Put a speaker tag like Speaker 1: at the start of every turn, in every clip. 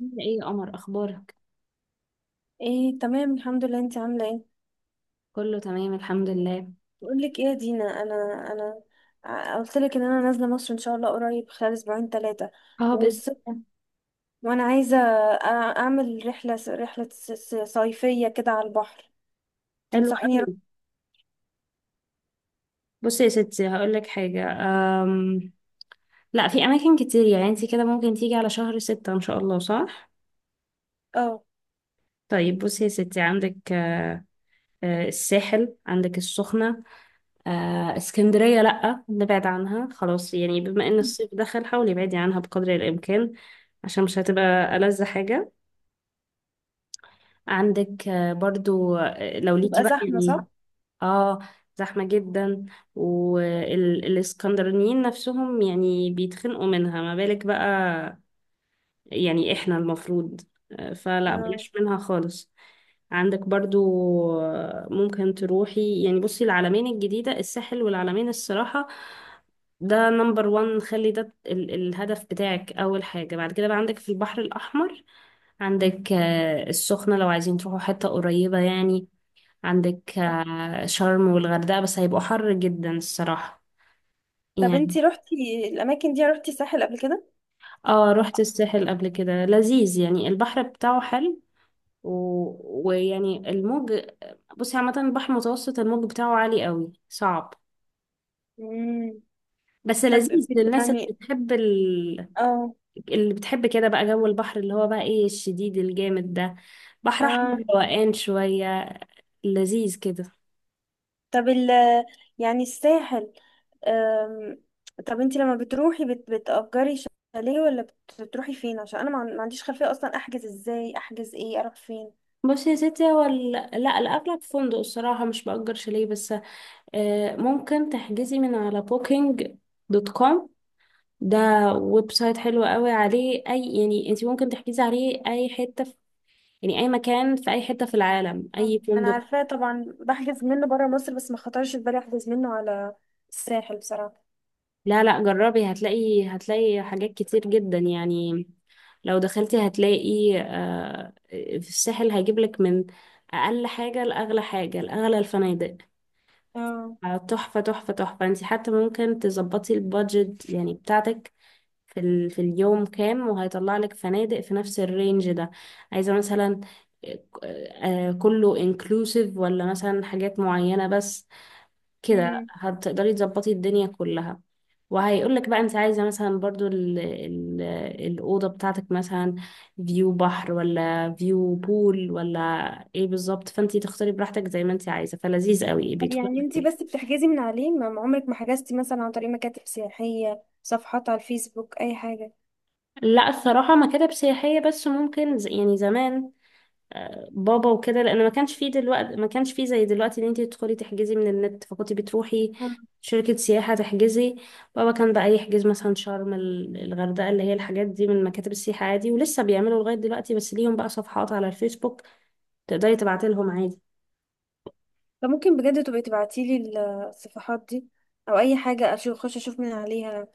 Speaker 1: عاملة ايه يا قمر، اخبارك؟
Speaker 2: ايه، تمام الحمد لله. انت عامله ايه؟
Speaker 1: كله تمام، الحمد لله.
Speaker 2: بقول لك ايه يا دينا. انا قلت لك ان انا نازله مصر ان شاء الله قريب، خلال اسبوعين ثلاثه.
Speaker 1: اه بس.
Speaker 2: والصيف وانا عايزه أع- اعمل رحله صيفيه كده على البحر.
Speaker 1: حلو
Speaker 2: تنصحيني
Speaker 1: قوي.
Speaker 2: اروح؟
Speaker 1: بصي يا ستي هقول لك حاجه. أم... لا، في اماكن كتير، يعني انت كده ممكن تيجي على شهر ستة ان شاء الله، صح؟
Speaker 2: اه،
Speaker 1: طيب بصي يا ستي، عندك الساحل، عندك السخنه، اسكندريه لا نبعد عنها خلاص، يعني بما ان الصيف دخل حاولي ابعدي عنها بقدر الامكان، عشان مش هتبقى ألذ حاجة. عندك برضو لو ليكي
Speaker 2: تبقى
Speaker 1: بقى
Speaker 2: زحمه
Speaker 1: يعني.
Speaker 2: صح؟
Speaker 1: اه، زحمة جدا، والاسكندرانيين نفسهم يعني بيتخنقوا منها، ما بالك بقى. يعني احنا المفروض فلا
Speaker 2: آه.
Speaker 1: بلاش منها خالص. عندك برضو ممكن تروحي يعني. بصي العلمين الجديدة، الساحل والعلمين الصراحة ده نمبر وان، خلي ده الهدف بتاعك أول حاجة. بعد كده بقى عندك في البحر الأحمر، عندك السخنة لو عايزين تروحوا حتة قريبة يعني. عندك شرم والغردقة، بس هيبقوا حر جدا الصراحة
Speaker 2: طب
Speaker 1: يعني.
Speaker 2: انت روحتي الاماكن دي، روحتي ساحل قبل كده؟
Speaker 1: اه رحت الساحل قبل كده، لذيذ يعني، البحر بتاعه حلو و... ويعني الموج. بصي عامة البحر المتوسط الموج بتاعه عالي قوي، صعب
Speaker 2: امم.
Speaker 1: بس
Speaker 2: طب
Speaker 1: لذيذ
Speaker 2: بت-
Speaker 1: للناس اللي
Speaker 2: يعني
Speaker 1: بتحب ال...
Speaker 2: اه.
Speaker 1: اللي بتحب كده بقى جو البحر اللي هو بقى ايه، الشديد الجامد ده. بحر
Speaker 2: اه.
Speaker 1: احمر روقان شوية، لذيذ كده.
Speaker 2: طب يعني الساحل. أم، طب انت لما بتروحي بتأجري شاليه، ولا بتروحي فين؟ عشان انا ما عنديش خلفية اصلا. احجز ازاي، احجز ايه، اروح فين؟
Speaker 1: بصي يا ستي هو لا الأغلب فندق الصراحة، مش بأجر شاليه بس. ممكن تحجزي من على بوكينج دوت كوم، ده ويب سايت حلو قوي عليه، اي يعني انت ممكن تحجزي عليه اي حته في، يعني اي مكان في اي حته في العالم، اي
Speaker 2: انا
Speaker 1: فندق.
Speaker 2: عارفاه طبعا، بحجز منه بره مصر، بس ما خطرش في بالي احجز منه على الساحل بصراحة.
Speaker 1: لا لا جربي، هتلاقي هتلاقي حاجات كتير جدا يعني. لو دخلتي هتلاقي في الساحل هيجيب لك من اقل حاجه لاغلى حاجه، لاغلى الفنادق
Speaker 2: اه.
Speaker 1: تحفه تحفه تحفه. انت حتى ممكن تظبطي البادجت يعني بتاعتك في ال... في اليوم كام، وهيطلع لك فنادق في نفس الرينج ده. عايزة مثلا كله انكلوسيف ولا مثلا حاجات معينة بس. كده
Speaker 2: مم.
Speaker 1: هتقدري تظبطي الدنيا كلها. وهيقولك بقى انت عايزة مثلا برضو ال الأوضة بتاعتك، مثلا فيو بحر ولا فيو بول ولا ايه بالظبط، فانت تختاري براحتك زي ما انت عايزة، فلذيذ قوي
Speaker 2: طب
Speaker 1: بيدخل.
Speaker 2: يعني انت بس بتحجزي من عليه؟ ما عمرك ما حجزتي مثلا عن طريق مكاتب سياحية، صفحات على الفيسبوك، اي حاجة؟
Speaker 1: لا الصراحة مكاتب سياحية بس، ممكن يعني زمان بابا وكده، لان ما كانش فيه دلوقتي، ما كانش فيه زي دلوقتي ان انت تدخلي تحجزي من النت، فكنت بتروحي شركة سياحة تحجزي. بابا كان بقى يحجز مثلا شرم الغردقة، اللي هي الحاجات دي، من مكاتب السياحة عادي. ولسه بيعملوا لغاية دلوقتي، بس ليهم بقى صفحات على الفيسبوك تقدري تبعتي لهم عادي.
Speaker 2: فممكن بجد تبقي تبعتيلي الصفحات دي، او اي حاجه اشوف، اخش اشوف من عليها.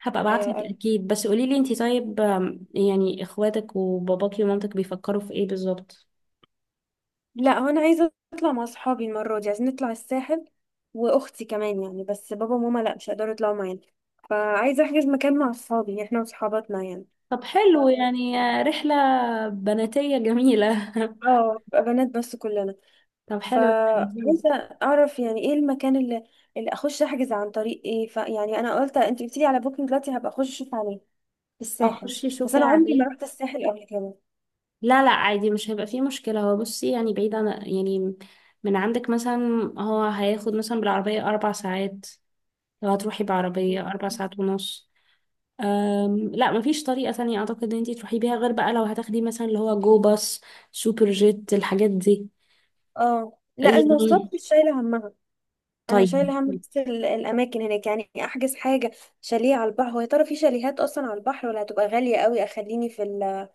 Speaker 1: هبقى ابعتلك
Speaker 2: آه،
Speaker 1: اكيد، بس قولي لي انت طيب يعني اخواتك وباباكي ومامتك بيفكروا في ايه بالظبط.
Speaker 2: لا هو انا عايزه اطلع مع اصحابي المره دي، عايزين نطلع الساحل واختي كمان يعني، بس بابا وماما لا مش هيقدروا يطلعوا معانا. فعايزه احجز مكان مع اصحابي، يعني احنا وصحاباتنا يعني.
Speaker 1: طب حلو يعني رحلة بناتية جميلة
Speaker 2: اه بقى بنات بس كلنا.
Speaker 1: طب حلو لذيذ.
Speaker 2: فعايزه اعرف يعني ايه المكان اللي اخش احجز عن طريق ايه. فيعني انا قلت، انت قلتيلي على بوكينج، دلوقتي هبقى اخش اشوف عليه في الساحل.
Speaker 1: اخشي
Speaker 2: بس
Speaker 1: شوفي
Speaker 2: انا عمري
Speaker 1: عليه.
Speaker 2: ما رحت الساحل قبل
Speaker 1: لا لا عادي مش هيبقى فيه مشكلة. هو بصي يعني بعيد عن، يعني من عندك مثلا، هو هياخد مثلا بالعربية أربع ساعات، لو هتروحي
Speaker 2: كده.
Speaker 1: بعربية أربع ساعات ونص. لا مفيش طريقة تانية أعتقد إن انتي تروحي بيها، غير بقى لو هتاخدي مثلا اللي هو جو باص، سوبر جيت الحاجات دي
Speaker 2: اه، لا المواصلات
Speaker 1: يعني.
Speaker 2: مش شايله همها. انا
Speaker 1: طيب.
Speaker 2: شايله هم بس الاماكن هناك. يعني احجز حاجه، شاليه على البحر، هو يا ترى في شاليهات اصلا على البحر، ولا هتبقى غاليه قوي اخليني في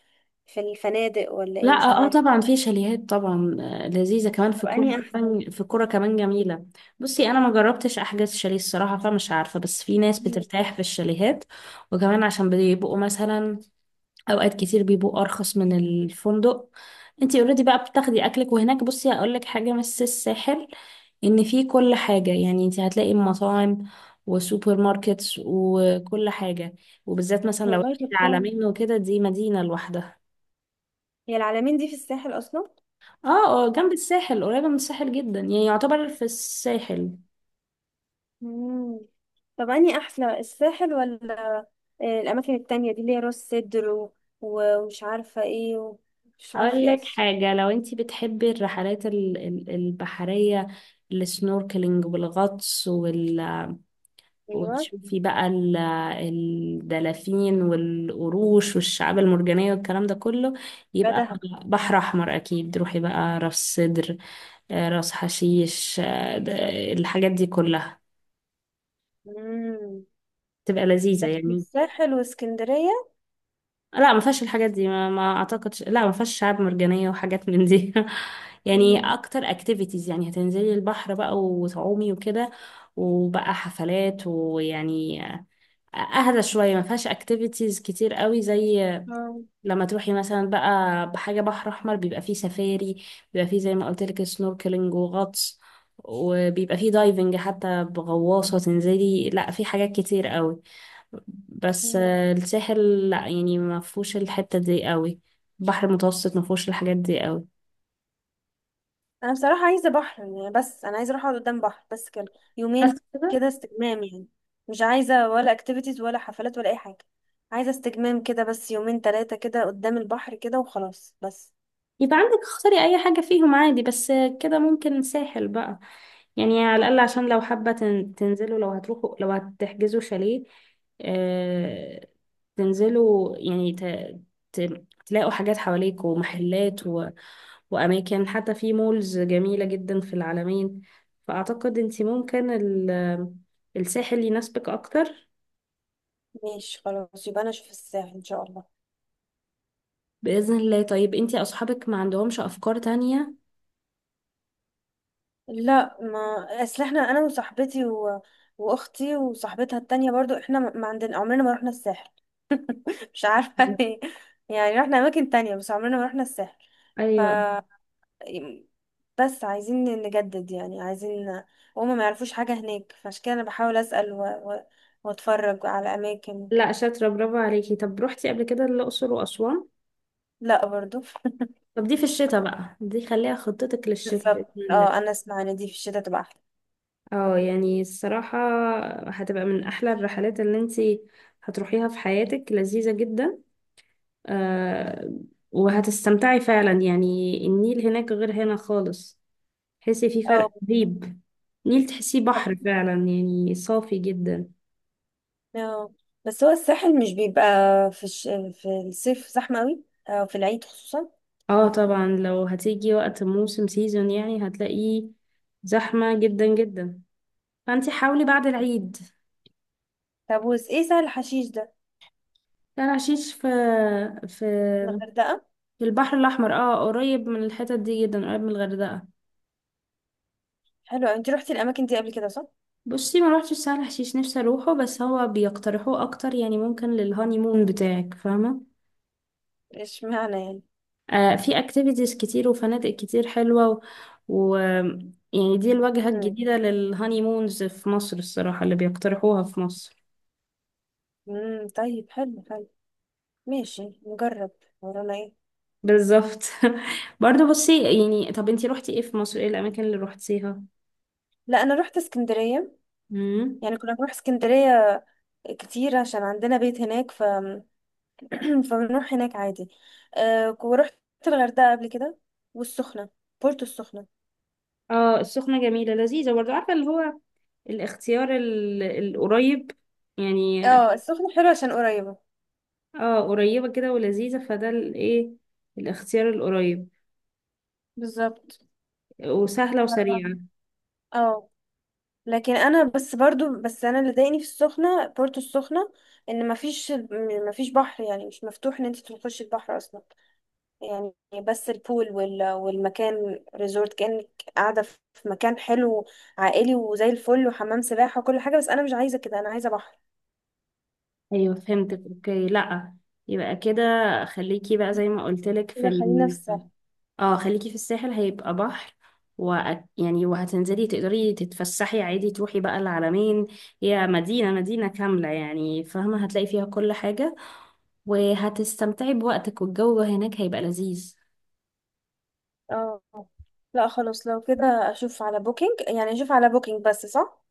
Speaker 2: في الفنادق، ولا
Speaker 1: لا
Speaker 2: ايه؟ مش
Speaker 1: اه
Speaker 2: عارفه.
Speaker 1: طبعا في شاليهات طبعا لذيذه كمان
Speaker 2: طب
Speaker 1: في كوره،
Speaker 2: انهي احسن؟
Speaker 1: كمان في كوره كمان جميله. بصي انا ما جربتش احجز شاليه الصراحه، فمش عارفه، بس في ناس
Speaker 2: مم.
Speaker 1: بترتاح في الشاليهات. وكمان عشان بيبقوا مثلا اوقات كتير بيبقوا ارخص من الفندق. انتي اوريدي بقى بتاخدي اكلك، وهناك بصي هقول لك حاجه، بس الساحل ان في كل حاجه، يعني انتي هتلاقي مطاعم وسوبر ماركتس وكل حاجه، وبالذات مثلا لو
Speaker 2: والله
Speaker 1: رحتي
Speaker 2: دي
Speaker 1: على
Speaker 2: بتكون،
Speaker 1: مينو وكده، دي مدينه لوحدها.
Speaker 2: هي العلمين دي في الساحل اصلا؟
Speaker 1: اه. اه جنب الساحل، قريبة من الساحل جدا، يعني يعتبر في الساحل.
Speaker 2: مم. طب انهي احلى، الساحل ولا الاماكن التانية دي اللي هي راس سدر ومش عارفه ايه ومش
Speaker 1: اقول
Speaker 2: عارفه ايه
Speaker 1: لك
Speaker 2: أصلاً؟
Speaker 1: حاجة، لو انتي بتحبي الرحلات البحرية، السنوركلينج والغطس وال...
Speaker 2: ايوه.
Speaker 1: وتشوفي بقى الدلافين والقروش والشعاب المرجانية والكلام ده كله،
Speaker 2: لا
Speaker 1: يبقى
Speaker 2: دهب.
Speaker 1: بحر أحمر أكيد. روحي بقى راس سدر راس حشيش، الحاجات دي كلها
Speaker 2: مم.
Speaker 1: تبقى لذيذة
Speaker 2: لكن
Speaker 1: يعني.
Speaker 2: الساحل واسكندريه.
Speaker 1: لا ما فيهاش الحاجات دي، ما اعتقدش، لا ما فيهاش شعاب مرجانية وحاجات من دي. يعني
Speaker 2: مم.
Speaker 1: اكتر اكتيفيتيز يعني هتنزلي البحر بقى وتعومي وكده، وبقى حفلات، ويعني اهدى شوية، ما فيهاش اكتيفيتيز كتير قوي زي
Speaker 2: آه.
Speaker 1: لما تروحي مثلا بقى بحاجة بحر احمر. بيبقى فيه سفاري، بيبقى فيه زي ما قلت لك سنوركلينج وغطس، وبيبقى فيه دايفنج حتى بغواصة تنزلي، لا في حاجات كتير قوي، بس
Speaker 2: مم.
Speaker 1: الساحل لا يعني ما فيهوش الحتة دي قوي. البحر المتوسط ما فيهوش الحاجات دي قوي.
Speaker 2: انا بصراحه عايزه بحر يعني، بس انا عايزه اروح اقعد قدام بحر بس كده
Speaker 1: بس
Speaker 2: يومين.
Speaker 1: كده
Speaker 2: كده استجمام يعني. مش عايزه ولا اكتيفيتيز ولا حفلات ولا اي حاجه. عايزه استجمام كده بس، يومين ثلاثه كده قدام البحر كده وخلاص بس.
Speaker 1: يبقى عندك اختاري اي حاجة فيهم عادي. بس كده ممكن ساحل بقى يعني، على الاقل عشان لو حابة تنزلوا، لو هتروحوا لو هتحجزوا شاليه آه، تنزلوا يعني ت... ت... تلاقوا حاجات حواليك ومحلات و... وأماكن، حتى في مولز جميلة جدا في العالمين. فأعتقد أنت ممكن ال... الساحل يناسبك أكتر.
Speaker 2: ماشي خلاص، يبقى انا اشوف الساحل ان شاء الله.
Speaker 1: بإذن الله. طيب أنت أصحابك ما عندهمش أفكار تانية؟
Speaker 2: لا، ما اصل احنا انا وصاحبتي واختي وصاحبتها التانية برضو، احنا ما عندنا عمرنا ما رحنا الساحل. مش عارفه ليه. يعني رحنا اماكن تانية بس عمرنا ما رحنا الساحل. ف
Speaker 1: أيوة.
Speaker 2: بس عايزين نجدد يعني، عايزين. هما ما يعرفوش حاجة هناك، فعشان كده انا بحاول اسأل واتفرج على اماكن.
Speaker 1: لا شاطرة، برافو عليكي. طب روحتي قبل كده الأقصر وأسوان؟
Speaker 2: لا برضو.
Speaker 1: طب دي في الشتاء بقى، دي خليها خطتك للشتاء بإذن
Speaker 2: بالظبط.
Speaker 1: الله.
Speaker 2: اه، انا اسمع ان دي في الشتاء تبقى احلى.
Speaker 1: اه يعني الصراحة هتبقى من أحلى الرحلات اللي انتي هتروحيها في حياتك، لذيذة جدا آه. وهتستمتعي فعلا يعني، النيل هناك غير هنا خالص، تحسي في فرق
Speaker 2: اه
Speaker 1: رهيب. النيل تحسيه بحر
Speaker 2: بالظبط.
Speaker 1: فعلا يعني، صافي جدا.
Speaker 2: اه، بس هو الساحل مش بيبقى في الش... في الصيف زحمة قوي، اه في العيد خصوصا.
Speaker 1: اه طبعا لو هتيجي وقت موسم سيزون يعني هتلاقيه زحمة جدا جدا، فانت حاولي بعد العيد.
Speaker 2: طب وس ايه سهل الحشيش ده؟
Speaker 1: لا العشيش في
Speaker 2: الغردقة.
Speaker 1: في البحر الاحمر اه، قريب من الحتت دي جدا، قريب من الغردقه.
Speaker 2: حلو. انت روحتي الاماكن دي قبل كده صح؟
Speaker 1: بصي ما روحتش سهل حشيش، نفسي اروحه، بس هو بيقترحوه اكتر يعني، ممكن للهاني مون بتاعك فاهمه.
Speaker 2: ايش معنى يعني؟
Speaker 1: آه في اكتيفيتيز كتير وفنادق كتير حلوه و يعني دي الواجهه
Speaker 2: امم
Speaker 1: الجديده للهاني مونز في مصر الصراحه، اللي بيقترحوها في مصر.
Speaker 2: امم طيب حلو حلو، ماشي نجرب. ورانا ايه؟
Speaker 1: بالظبط. برضه بصي يعني، طب انتي روحتي ايه في مصر، ايه الاماكن اللي روحتيها؟
Speaker 2: لا انا رحت اسكندريه،
Speaker 1: امم.
Speaker 2: يعني كنا بنروح اسكندريه كتير عشان عندنا بيت هناك. فبنروح هناك عادي. ورحت الغردقه قبل كده، والسخنه، بورتو السخنه.
Speaker 1: اه السخنة جميلة لذيذة برضه، عارفة اللي هو الاختيار القريب يعني.
Speaker 2: اه، السخنه حلوه عشان قريبه.
Speaker 1: اه قريبة كده ولذيذة، فده الايه الاختيار القريب،
Speaker 2: بالظبط.
Speaker 1: وسهلة
Speaker 2: ف-
Speaker 1: وسريعة.
Speaker 2: اه. لكن انا بس برضو، بس انا اللي ضايقني في السخنه، بورتو السخنه، ان مفيش بحر يعني، مش مفتوح ان انت تخشي البحر اصلا يعني. بس البول والمكان ريزورت، كأنك قاعدة في مكان حلو عائلي وزي الفل وحمام سباحة وكل حاجة. بس أنا مش عايزة كده، أنا عايزة بحر.
Speaker 1: ايوه فهمتك اوكي. لا يبقى كده خليكي بقى زي ما قلتلك في
Speaker 2: كده خلينا في
Speaker 1: ال...
Speaker 2: الساحل.
Speaker 1: اه خليكي في الساحل هيبقى بحر، و يعني وهتنزلي تقدري تتفسحي عادي، تروحي بقى العلمين، هي مدينة مدينة كاملة يعني فاهمة، هتلاقي فيها كل حاجة، وهتستمتعي بوقتك والجو هناك هيبقى لذيذ.
Speaker 2: اه لا، خلاص لو كده أشوف على بوكينج، يعني أشوف على بوكينج بس صح؟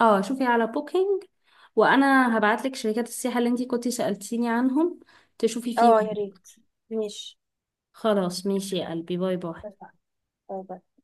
Speaker 1: اه شوفي على بوكينج، وانا هبعتلك شركات السياحة اللي انتي كنتي سألتيني عنهم تشوفي
Speaker 2: اه
Speaker 1: فيهم.
Speaker 2: يا ريت. ماشي،
Speaker 1: خلاص ماشي يا قلبي، باي باي.
Speaker 2: اتفقنا. باي باي.